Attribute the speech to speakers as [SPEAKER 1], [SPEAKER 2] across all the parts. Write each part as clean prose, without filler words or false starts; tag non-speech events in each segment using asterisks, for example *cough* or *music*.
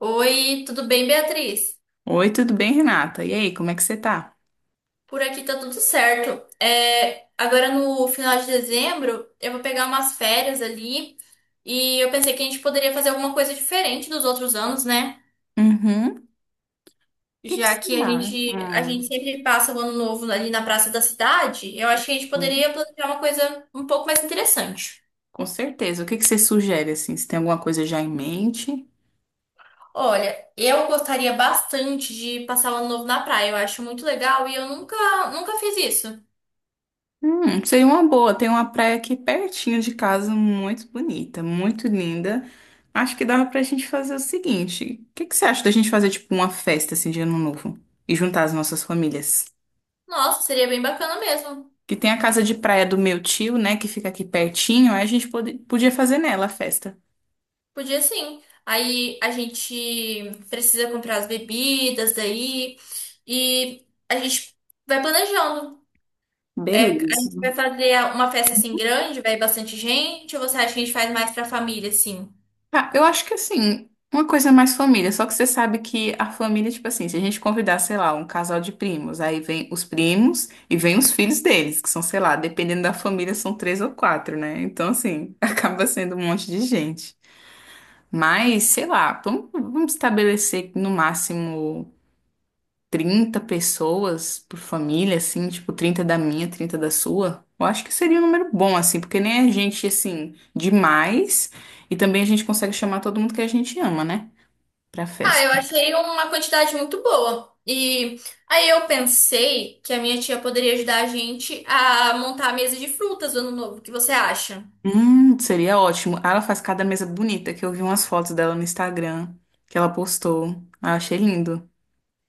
[SPEAKER 1] Oi, tudo bem, Beatriz?
[SPEAKER 2] Oi, tudo bem, Renata? E aí, como é que você tá?
[SPEAKER 1] Por aqui tá tudo certo. Agora no final de dezembro eu vou pegar umas férias ali e eu pensei que a gente poderia fazer alguma coisa diferente dos outros anos, né?
[SPEAKER 2] Uhum. O que que
[SPEAKER 1] Já
[SPEAKER 2] você
[SPEAKER 1] que a
[SPEAKER 2] tá?
[SPEAKER 1] gente, a
[SPEAKER 2] Ah,
[SPEAKER 1] gente sempre passa o ano novo ali na praça da cidade, eu acho que a gente
[SPEAKER 2] hum.
[SPEAKER 1] poderia planejar uma coisa um pouco mais interessante.
[SPEAKER 2] Com certeza. O que que você sugere, assim? Você tem alguma coisa já em mente?
[SPEAKER 1] Olha, eu gostaria bastante de passar o ano novo na praia, eu acho muito legal e eu nunca fiz isso.
[SPEAKER 2] Seria uma boa. Tem uma praia aqui pertinho de casa, muito bonita, muito linda. Acho que dava pra gente fazer o seguinte. O que que você acha da gente fazer, tipo, uma festa, assim, de Ano Novo? E juntar as nossas famílias?
[SPEAKER 1] Nossa, seria bem bacana mesmo.
[SPEAKER 2] Que tem a casa de praia do meu tio, né, que fica aqui pertinho. Aí a gente podia fazer nela a festa.
[SPEAKER 1] Podia sim. Aí a gente precisa comprar as bebidas daí e a gente vai planejando. É, a
[SPEAKER 2] Beleza.
[SPEAKER 1] gente vai fazer uma festa assim grande, vai bastante gente, ou você acha que a gente faz mais pra família, assim?
[SPEAKER 2] Ah, eu acho que assim, uma coisa é mais família, só que você sabe que a família, tipo assim, se a gente convidar, sei lá, um casal de primos, aí vem os primos e vem os filhos deles, que são, sei lá, dependendo da família, são três ou quatro, né? Então, assim, *laughs* acaba sendo um monte de gente. Mas, sei lá, vamos estabelecer no máximo 30 pessoas por família, assim, tipo, 30 da minha, 30 da sua, eu acho que seria um número bom, assim, porque nem a gente, assim, demais, e também a gente consegue chamar todo mundo que a gente ama, né, pra
[SPEAKER 1] Ah,
[SPEAKER 2] festa.
[SPEAKER 1] eu achei uma quantidade muito boa. E aí eu pensei que a minha tia poderia ajudar a gente a montar a mesa de frutas do ano novo. O que você acha?
[SPEAKER 2] Seria ótimo. Ah, ela faz cada mesa bonita, que eu vi umas fotos dela no Instagram, que ela postou. Ah, eu achei lindo.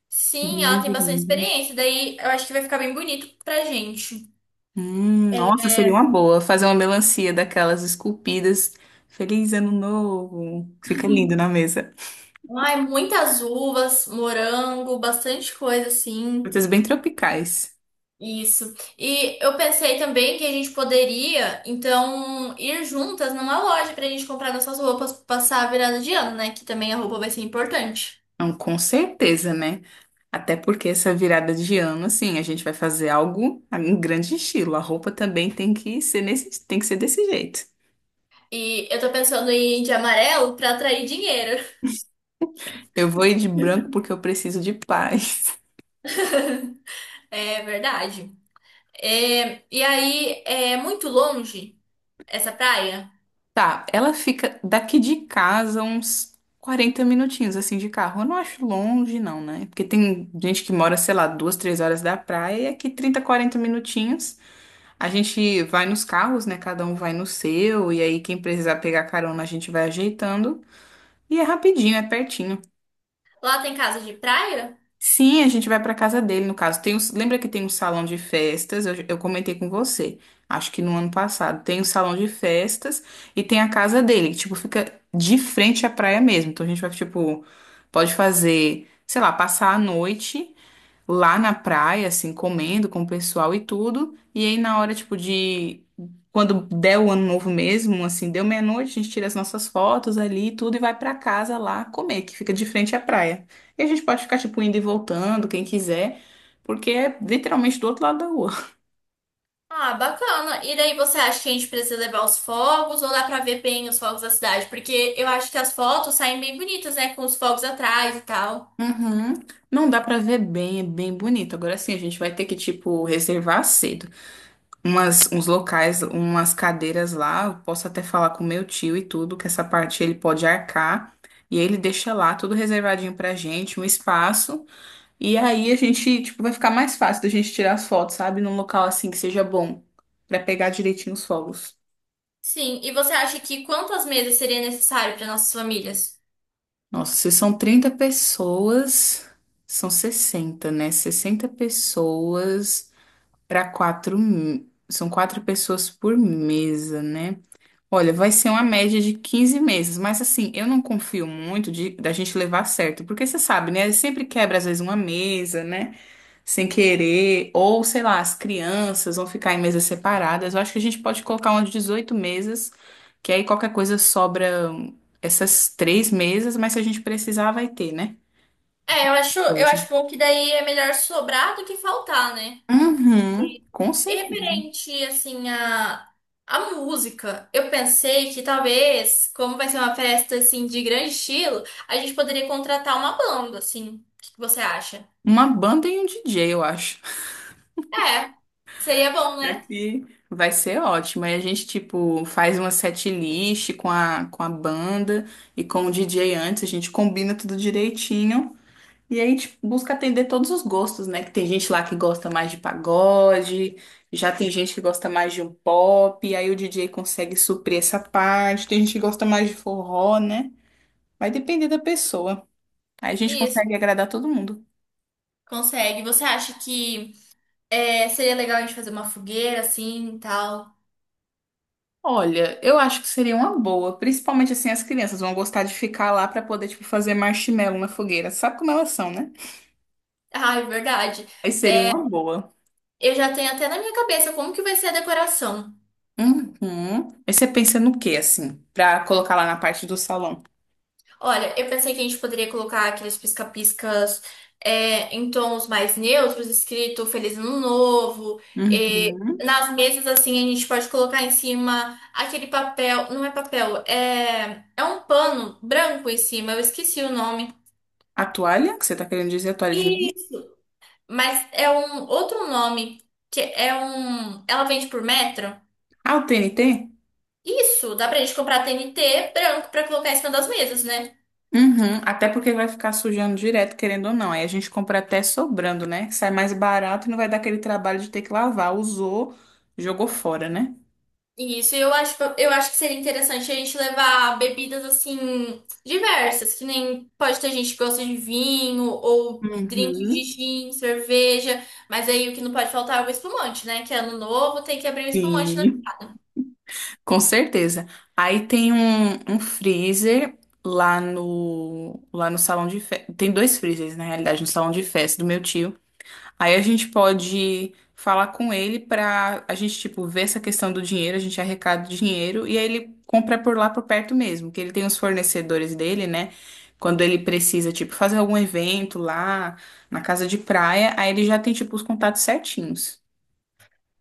[SPEAKER 1] Sim, ela tem
[SPEAKER 2] Lindo,
[SPEAKER 1] bastante
[SPEAKER 2] lindo.
[SPEAKER 1] experiência, daí eu acho que vai ficar bem bonito pra gente.
[SPEAKER 2] Nossa, seria uma boa fazer uma melancia daquelas esculpidas. Feliz ano novo. Fica lindo na mesa.
[SPEAKER 1] Ai, muitas uvas, morango, bastante coisa assim.
[SPEAKER 2] Frutas bem tropicais.
[SPEAKER 1] Isso. E eu pensei também que a gente poderia, então, ir juntas numa loja pra gente comprar nossas roupas, pra passar a virada de ano, né? Que também a roupa vai ser importante.
[SPEAKER 2] Não, com certeza, né? Até porque essa virada de ano, assim, a gente vai fazer algo em grande estilo. A roupa também tem que ser nesse, tem que ser desse jeito.
[SPEAKER 1] E eu tô pensando em ir de amarelo pra atrair dinheiro. *laughs*
[SPEAKER 2] Eu vou ir de branco porque eu preciso de paz. *laughs*
[SPEAKER 1] É verdade. É, e aí, é muito longe essa praia?
[SPEAKER 2] Tá, ela fica daqui de casa uns 40 minutinhos, assim, de carro. Eu não acho longe, não, né? Porque tem gente que mora, sei lá, duas, três horas da praia e aqui 30 40 minutinhos. A gente vai nos carros, né? Cada um vai no seu, e aí quem precisar pegar carona, a gente vai ajeitando. E é rapidinho, é pertinho.
[SPEAKER 1] Lá tem casa de praia?
[SPEAKER 2] Sim, a gente vai pra casa dele, no caso. Tem lembra que tem um salão de festas? Eu comentei com você, acho que no ano passado. Tem um salão de festas e tem a casa dele, que, tipo, fica de frente à praia mesmo. Então a gente vai, tipo, pode fazer, sei lá, passar a noite lá na praia, assim, comendo com o pessoal e tudo. E aí, na hora, tipo, de. Quando der o ano novo mesmo, assim, deu meia-noite, a gente tira as nossas fotos ali e tudo e vai pra casa lá comer, que fica de frente à praia. E a gente pode ficar, tipo, indo e voltando, quem quiser, porque é literalmente do outro lado da rua. *laughs*
[SPEAKER 1] Ah, bacana. E daí você acha que a gente precisa levar os fogos ou dá pra ver bem os fogos da cidade? Porque eu acho que as fotos saem bem bonitas, né? Com os fogos atrás e tal.
[SPEAKER 2] Uhum. Não dá pra ver bem, é bem bonito. Agora sim, a gente vai ter que, tipo, reservar cedo. Uns locais, umas cadeiras lá. Eu posso até falar com meu tio e tudo, que essa parte ele pode arcar. E aí ele deixa lá tudo reservadinho pra gente, um espaço. E aí a gente, tipo, vai ficar mais fácil da gente tirar as fotos, sabe? Num local assim que seja bom, pra pegar direitinho os fogos.
[SPEAKER 1] Sim, e você acha que quantas mesas seria necessário para nossas famílias?
[SPEAKER 2] Nossa, se são 30 pessoas, são 60, né? 60 pessoas para 4 são quatro pessoas por mesa, né? Olha, vai ser uma média de 15 meses, mas assim, eu não confio muito da gente levar certo, porque você sabe, né? Sempre quebra às vezes uma mesa, né? Sem querer, ou sei lá, as crianças vão ficar em mesas separadas. Eu acho que a gente pode colocar umas 18 mesas, que aí qualquer coisa sobra essas três mesas, mas se a gente precisar, vai ter, né?
[SPEAKER 1] É, eu acho, eu
[SPEAKER 2] Coisa.
[SPEAKER 1] acho bom que daí é melhor sobrar do que faltar, né?
[SPEAKER 2] Uhum, com
[SPEAKER 1] E
[SPEAKER 2] certeza.
[SPEAKER 1] referente, assim, a música, eu pensei que talvez, como vai ser uma festa, assim, de grande estilo, a gente poderia contratar uma banda, assim. O que que você acha?
[SPEAKER 2] Uma banda e um DJ, eu acho.
[SPEAKER 1] É, seria bom, né?
[SPEAKER 2] Aqui vai ser ótimo. Aí a gente, tipo, faz uma setlist com a banda e com o DJ antes, a gente combina tudo direitinho. E aí a gente busca atender todos os gostos, né? Que tem gente lá que gosta mais de pagode, já tem gente que gosta mais de um pop, e aí o DJ consegue suprir essa parte, tem gente que gosta mais de forró, né? Vai depender da pessoa. Aí a gente
[SPEAKER 1] Isso.
[SPEAKER 2] consegue agradar todo mundo.
[SPEAKER 1] Consegue. Você acha que seria legal a gente fazer uma fogueira assim e tal?
[SPEAKER 2] Olha, eu acho que seria uma boa, principalmente assim as crianças vão gostar de ficar lá para poder tipo fazer marshmallow na fogueira. Sabe como elas são, né?
[SPEAKER 1] Ah, é verdade.
[SPEAKER 2] Aí seria uma boa.
[SPEAKER 1] Eu já tenho até na minha cabeça como que vai ser a decoração.
[SPEAKER 2] Uhum. Aí você pensa no quê assim, pra colocar lá na parte do salão?
[SPEAKER 1] Olha, eu pensei que a gente poderia colocar aqueles pisca-piscas em tons mais neutros, escrito Feliz Ano Novo. E
[SPEAKER 2] Uhum.
[SPEAKER 1] nas mesas, assim, a gente pode colocar em cima aquele papel. Não é papel, é um pano branco em cima, eu esqueci o nome.
[SPEAKER 2] A toalha, que você tá querendo dizer a toalha de mesa?
[SPEAKER 1] Isso. Mas é um outro nome que é um. Ela vende por metro?
[SPEAKER 2] Ah, o TNT?
[SPEAKER 1] Isso, dá pra gente comprar TNT branco pra colocar em cima das mesas, né?
[SPEAKER 2] Uhum. Até porque vai ficar sujando direto, querendo ou não. Aí a gente compra até sobrando, né? Sai mais barato e não vai dar aquele trabalho de ter que lavar. Usou, jogou fora, né?
[SPEAKER 1] Eu acho, eu acho que seria interessante a gente levar bebidas assim diversas, que nem pode ter gente que gosta de vinho ou drink de
[SPEAKER 2] Uhum.
[SPEAKER 1] gin, cerveja, mas aí o que não pode faltar é o espumante, né? Que ano novo tem que abrir o espumante, né?
[SPEAKER 2] Sim. Com certeza. Aí tem um freezer lá no salão de festa. Tem dois freezers, na realidade, no salão de festa do meu tio. Aí a gente pode falar com ele pra a gente, tipo, ver essa questão do dinheiro, a gente arrecada o dinheiro e aí ele compra por lá por perto mesmo, que ele tem os fornecedores dele, né? Quando ele precisa, tipo, fazer algum evento lá na casa de praia, aí ele já tem, tipo, os contatos certinhos.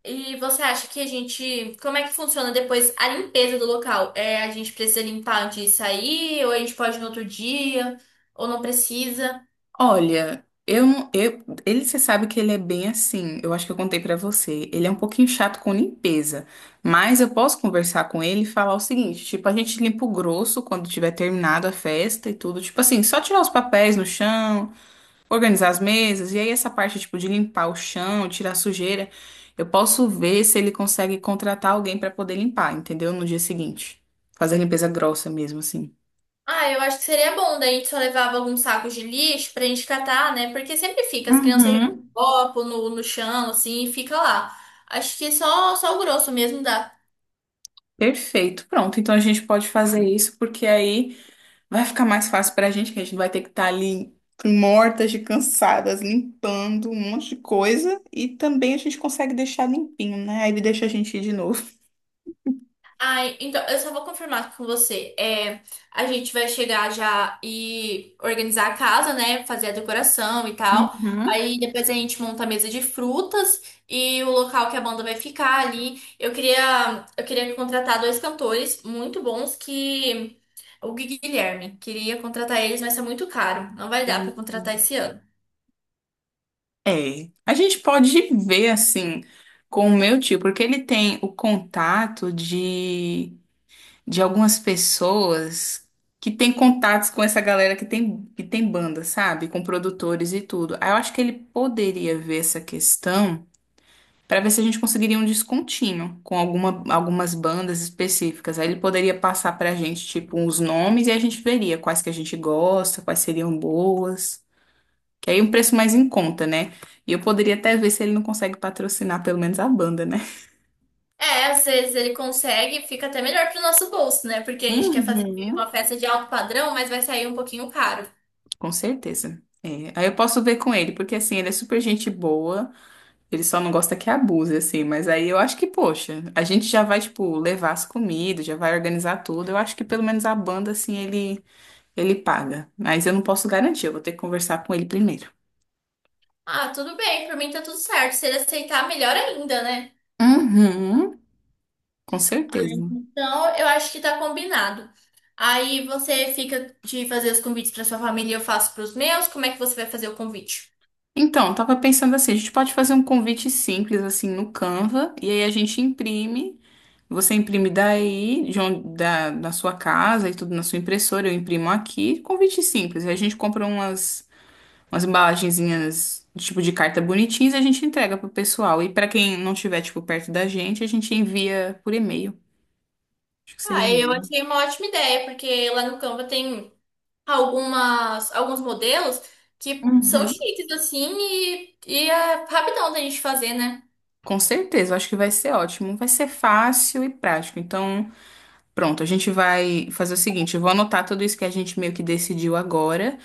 [SPEAKER 1] E você acha que a gente. Como é que funciona depois a limpeza do local? É, a gente precisa limpar antes de sair, ou a gente pode ir no outro dia, ou não precisa?
[SPEAKER 2] Olha, eu, não- eu ele você sabe que ele é bem assim. Eu acho que eu contei pra você. Ele é um pouquinho chato com limpeza, mas eu posso conversar com ele e falar o seguinte, tipo, a gente limpa o grosso quando tiver terminado a festa e tudo, tipo assim, só tirar os papéis no chão, organizar as mesas e aí essa parte tipo de limpar o chão, tirar a sujeira, eu posso ver se ele consegue contratar alguém pra poder limpar, entendeu? No dia seguinte. Fazer a limpeza grossa mesmo assim.
[SPEAKER 1] Ah, eu acho que seria bom, daí a gente só levava alguns sacos de lixo pra gente catar, né? Porque sempre fica, as crianças jogam
[SPEAKER 2] Uhum.
[SPEAKER 1] copo no chão, assim, e fica lá. Acho que só o grosso mesmo dá.
[SPEAKER 2] Perfeito, pronto. Então a gente pode fazer isso, porque aí vai ficar mais fácil pra gente, que a gente não vai ter que estar ali mortas de cansadas, limpando um monte de coisa. E também a gente consegue deixar limpinho, né? Aí ele deixa a gente ir de novo.
[SPEAKER 1] Ai, então, eu só vou confirmar com você. É, a gente vai chegar já e organizar a casa, né? Fazer a decoração e tal.
[SPEAKER 2] Uhum.
[SPEAKER 1] Aí depois a gente monta a mesa de frutas e o local que a banda vai ficar ali. Eu queria contratar dois cantores muito bons que o Guilherme queria contratar eles, mas é muito caro. Não vai dar pra contratar esse
[SPEAKER 2] *laughs*
[SPEAKER 1] ano.
[SPEAKER 2] É. A gente pode ver assim com o meu tio, porque ele tem o contato de algumas pessoas que têm contatos com essa galera que tem, banda, sabe? Com produtores e tudo. Aí eu acho que ele poderia ver essa questão para ver se a gente conseguiria um descontinho com algumas bandas específicas. Aí ele poderia passar pra gente, tipo, uns nomes e a gente veria quais que a gente gosta, quais seriam boas. Que aí é um preço mais em conta, né? E eu poderia até ver se ele não consegue patrocinar pelo menos a banda, né?
[SPEAKER 1] É, às vezes ele consegue, fica até melhor pro nosso bolso, né? Porque a gente quer fazer
[SPEAKER 2] Uhum.
[SPEAKER 1] uma festa de alto padrão, mas vai sair um pouquinho caro.
[SPEAKER 2] Com certeza. É, aí eu posso ver com ele, porque assim, ele é super gente boa, ele só não gosta que abuse, assim, mas aí eu acho que, poxa, a gente já vai, tipo, levar as comidas, já vai organizar tudo. Eu acho que pelo menos a banda, assim, ele paga. Mas eu não posso garantir, eu vou ter que conversar com ele primeiro.
[SPEAKER 1] Ah, tudo bem, pra mim tá tudo certo. Se ele aceitar, melhor ainda, né?
[SPEAKER 2] Uhum, com certeza.
[SPEAKER 1] Então, eu acho que tá combinado. Aí você fica de fazer os convites pra sua família e eu faço pros meus. Como é que você vai fazer o convite?
[SPEAKER 2] Então, tava pensando assim, a gente pode fazer um convite simples assim no Canva e aí a gente imprime. Você imprime daí, de onde, da sua casa e tudo na sua impressora, eu imprimo aqui. Convite simples. Aí a gente compra umas embalagenzinhas de tipo de carta bonitinhas e a gente entrega pro pessoal. E pra quem não tiver tipo perto da gente, a gente envia por e-mail. Acho que seria
[SPEAKER 1] Ah,
[SPEAKER 2] um
[SPEAKER 1] eu
[SPEAKER 2] bom.
[SPEAKER 1] achei uma ótima ideia, porque lá no Canva tem algumas, alguns modelos que são
[SPEAKER 2] Uhum.
[SPEAKER 1] chiques, assim, e é rapidão da gente fazer, né?
[SPEAKER 2] Com certeza, eu acho que vai ser ótimo. Vai ser fácil e prático. Então, pronto, a gente vai fazer o seguinte, eu vou anotar tudo isso que a gente meio que decidiu agora,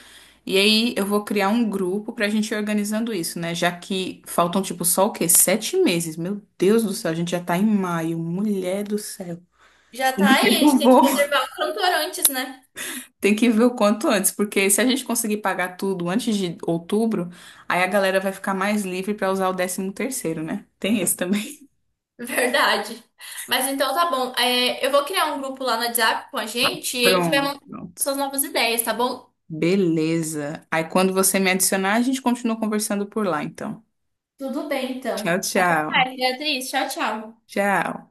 [SPEAKER 2] e aí eu vou criar um grupo pra gente ir organizando isso, né? Já que faltam, tipo, só o quê? 7 meses. Meu Deus do céu, a gente já tá em maio. Mulher do céu.
[SPEAKER 1] Já
[SPEAKER 2] *laughs*
[SPEAKER 1] tá aí, a
[SPEAKER 2] Eu
[SPEAKER 1] gente tem que
[SPEAKER 2] vou
[SPEAKER 1] reservar o cantor antes, né?
[SPEAKER 2] ter que ver o quanto antes, porque se a gente conseguir pagar tudo antes de outubro, aí a galera vai ficar mais livre pra usar o décimo terceiro, né? Tem esse também.
[SPEAKER 1] Verdade. Mas então tá bom. É, eu vou criar um grupo lá no WhatsApp com a
[SPEAKER 2] *laughs*
[SPEAKER 1] gente e a gente vai
[SPEAKER 2] Pronto,
[SPEAKER 1] montar
[SPEAKER 2] pronto.
[SPEAKER 1] suas novas ideias, tá bom?
[SPEAKER 2] Beleza. Aí quando você me adicionar, a gente continua conversando por lá, então.
[SPEAKER 1] Tudo bem, então.
[SPEAKER 2] Tchau,
[SPEAKER 1] Até
[SPEAKER 2] tchau.
[SPEAKER 1] mais, Beatriz. Tchau, tchau.
[SPEAKER 2] Tchau.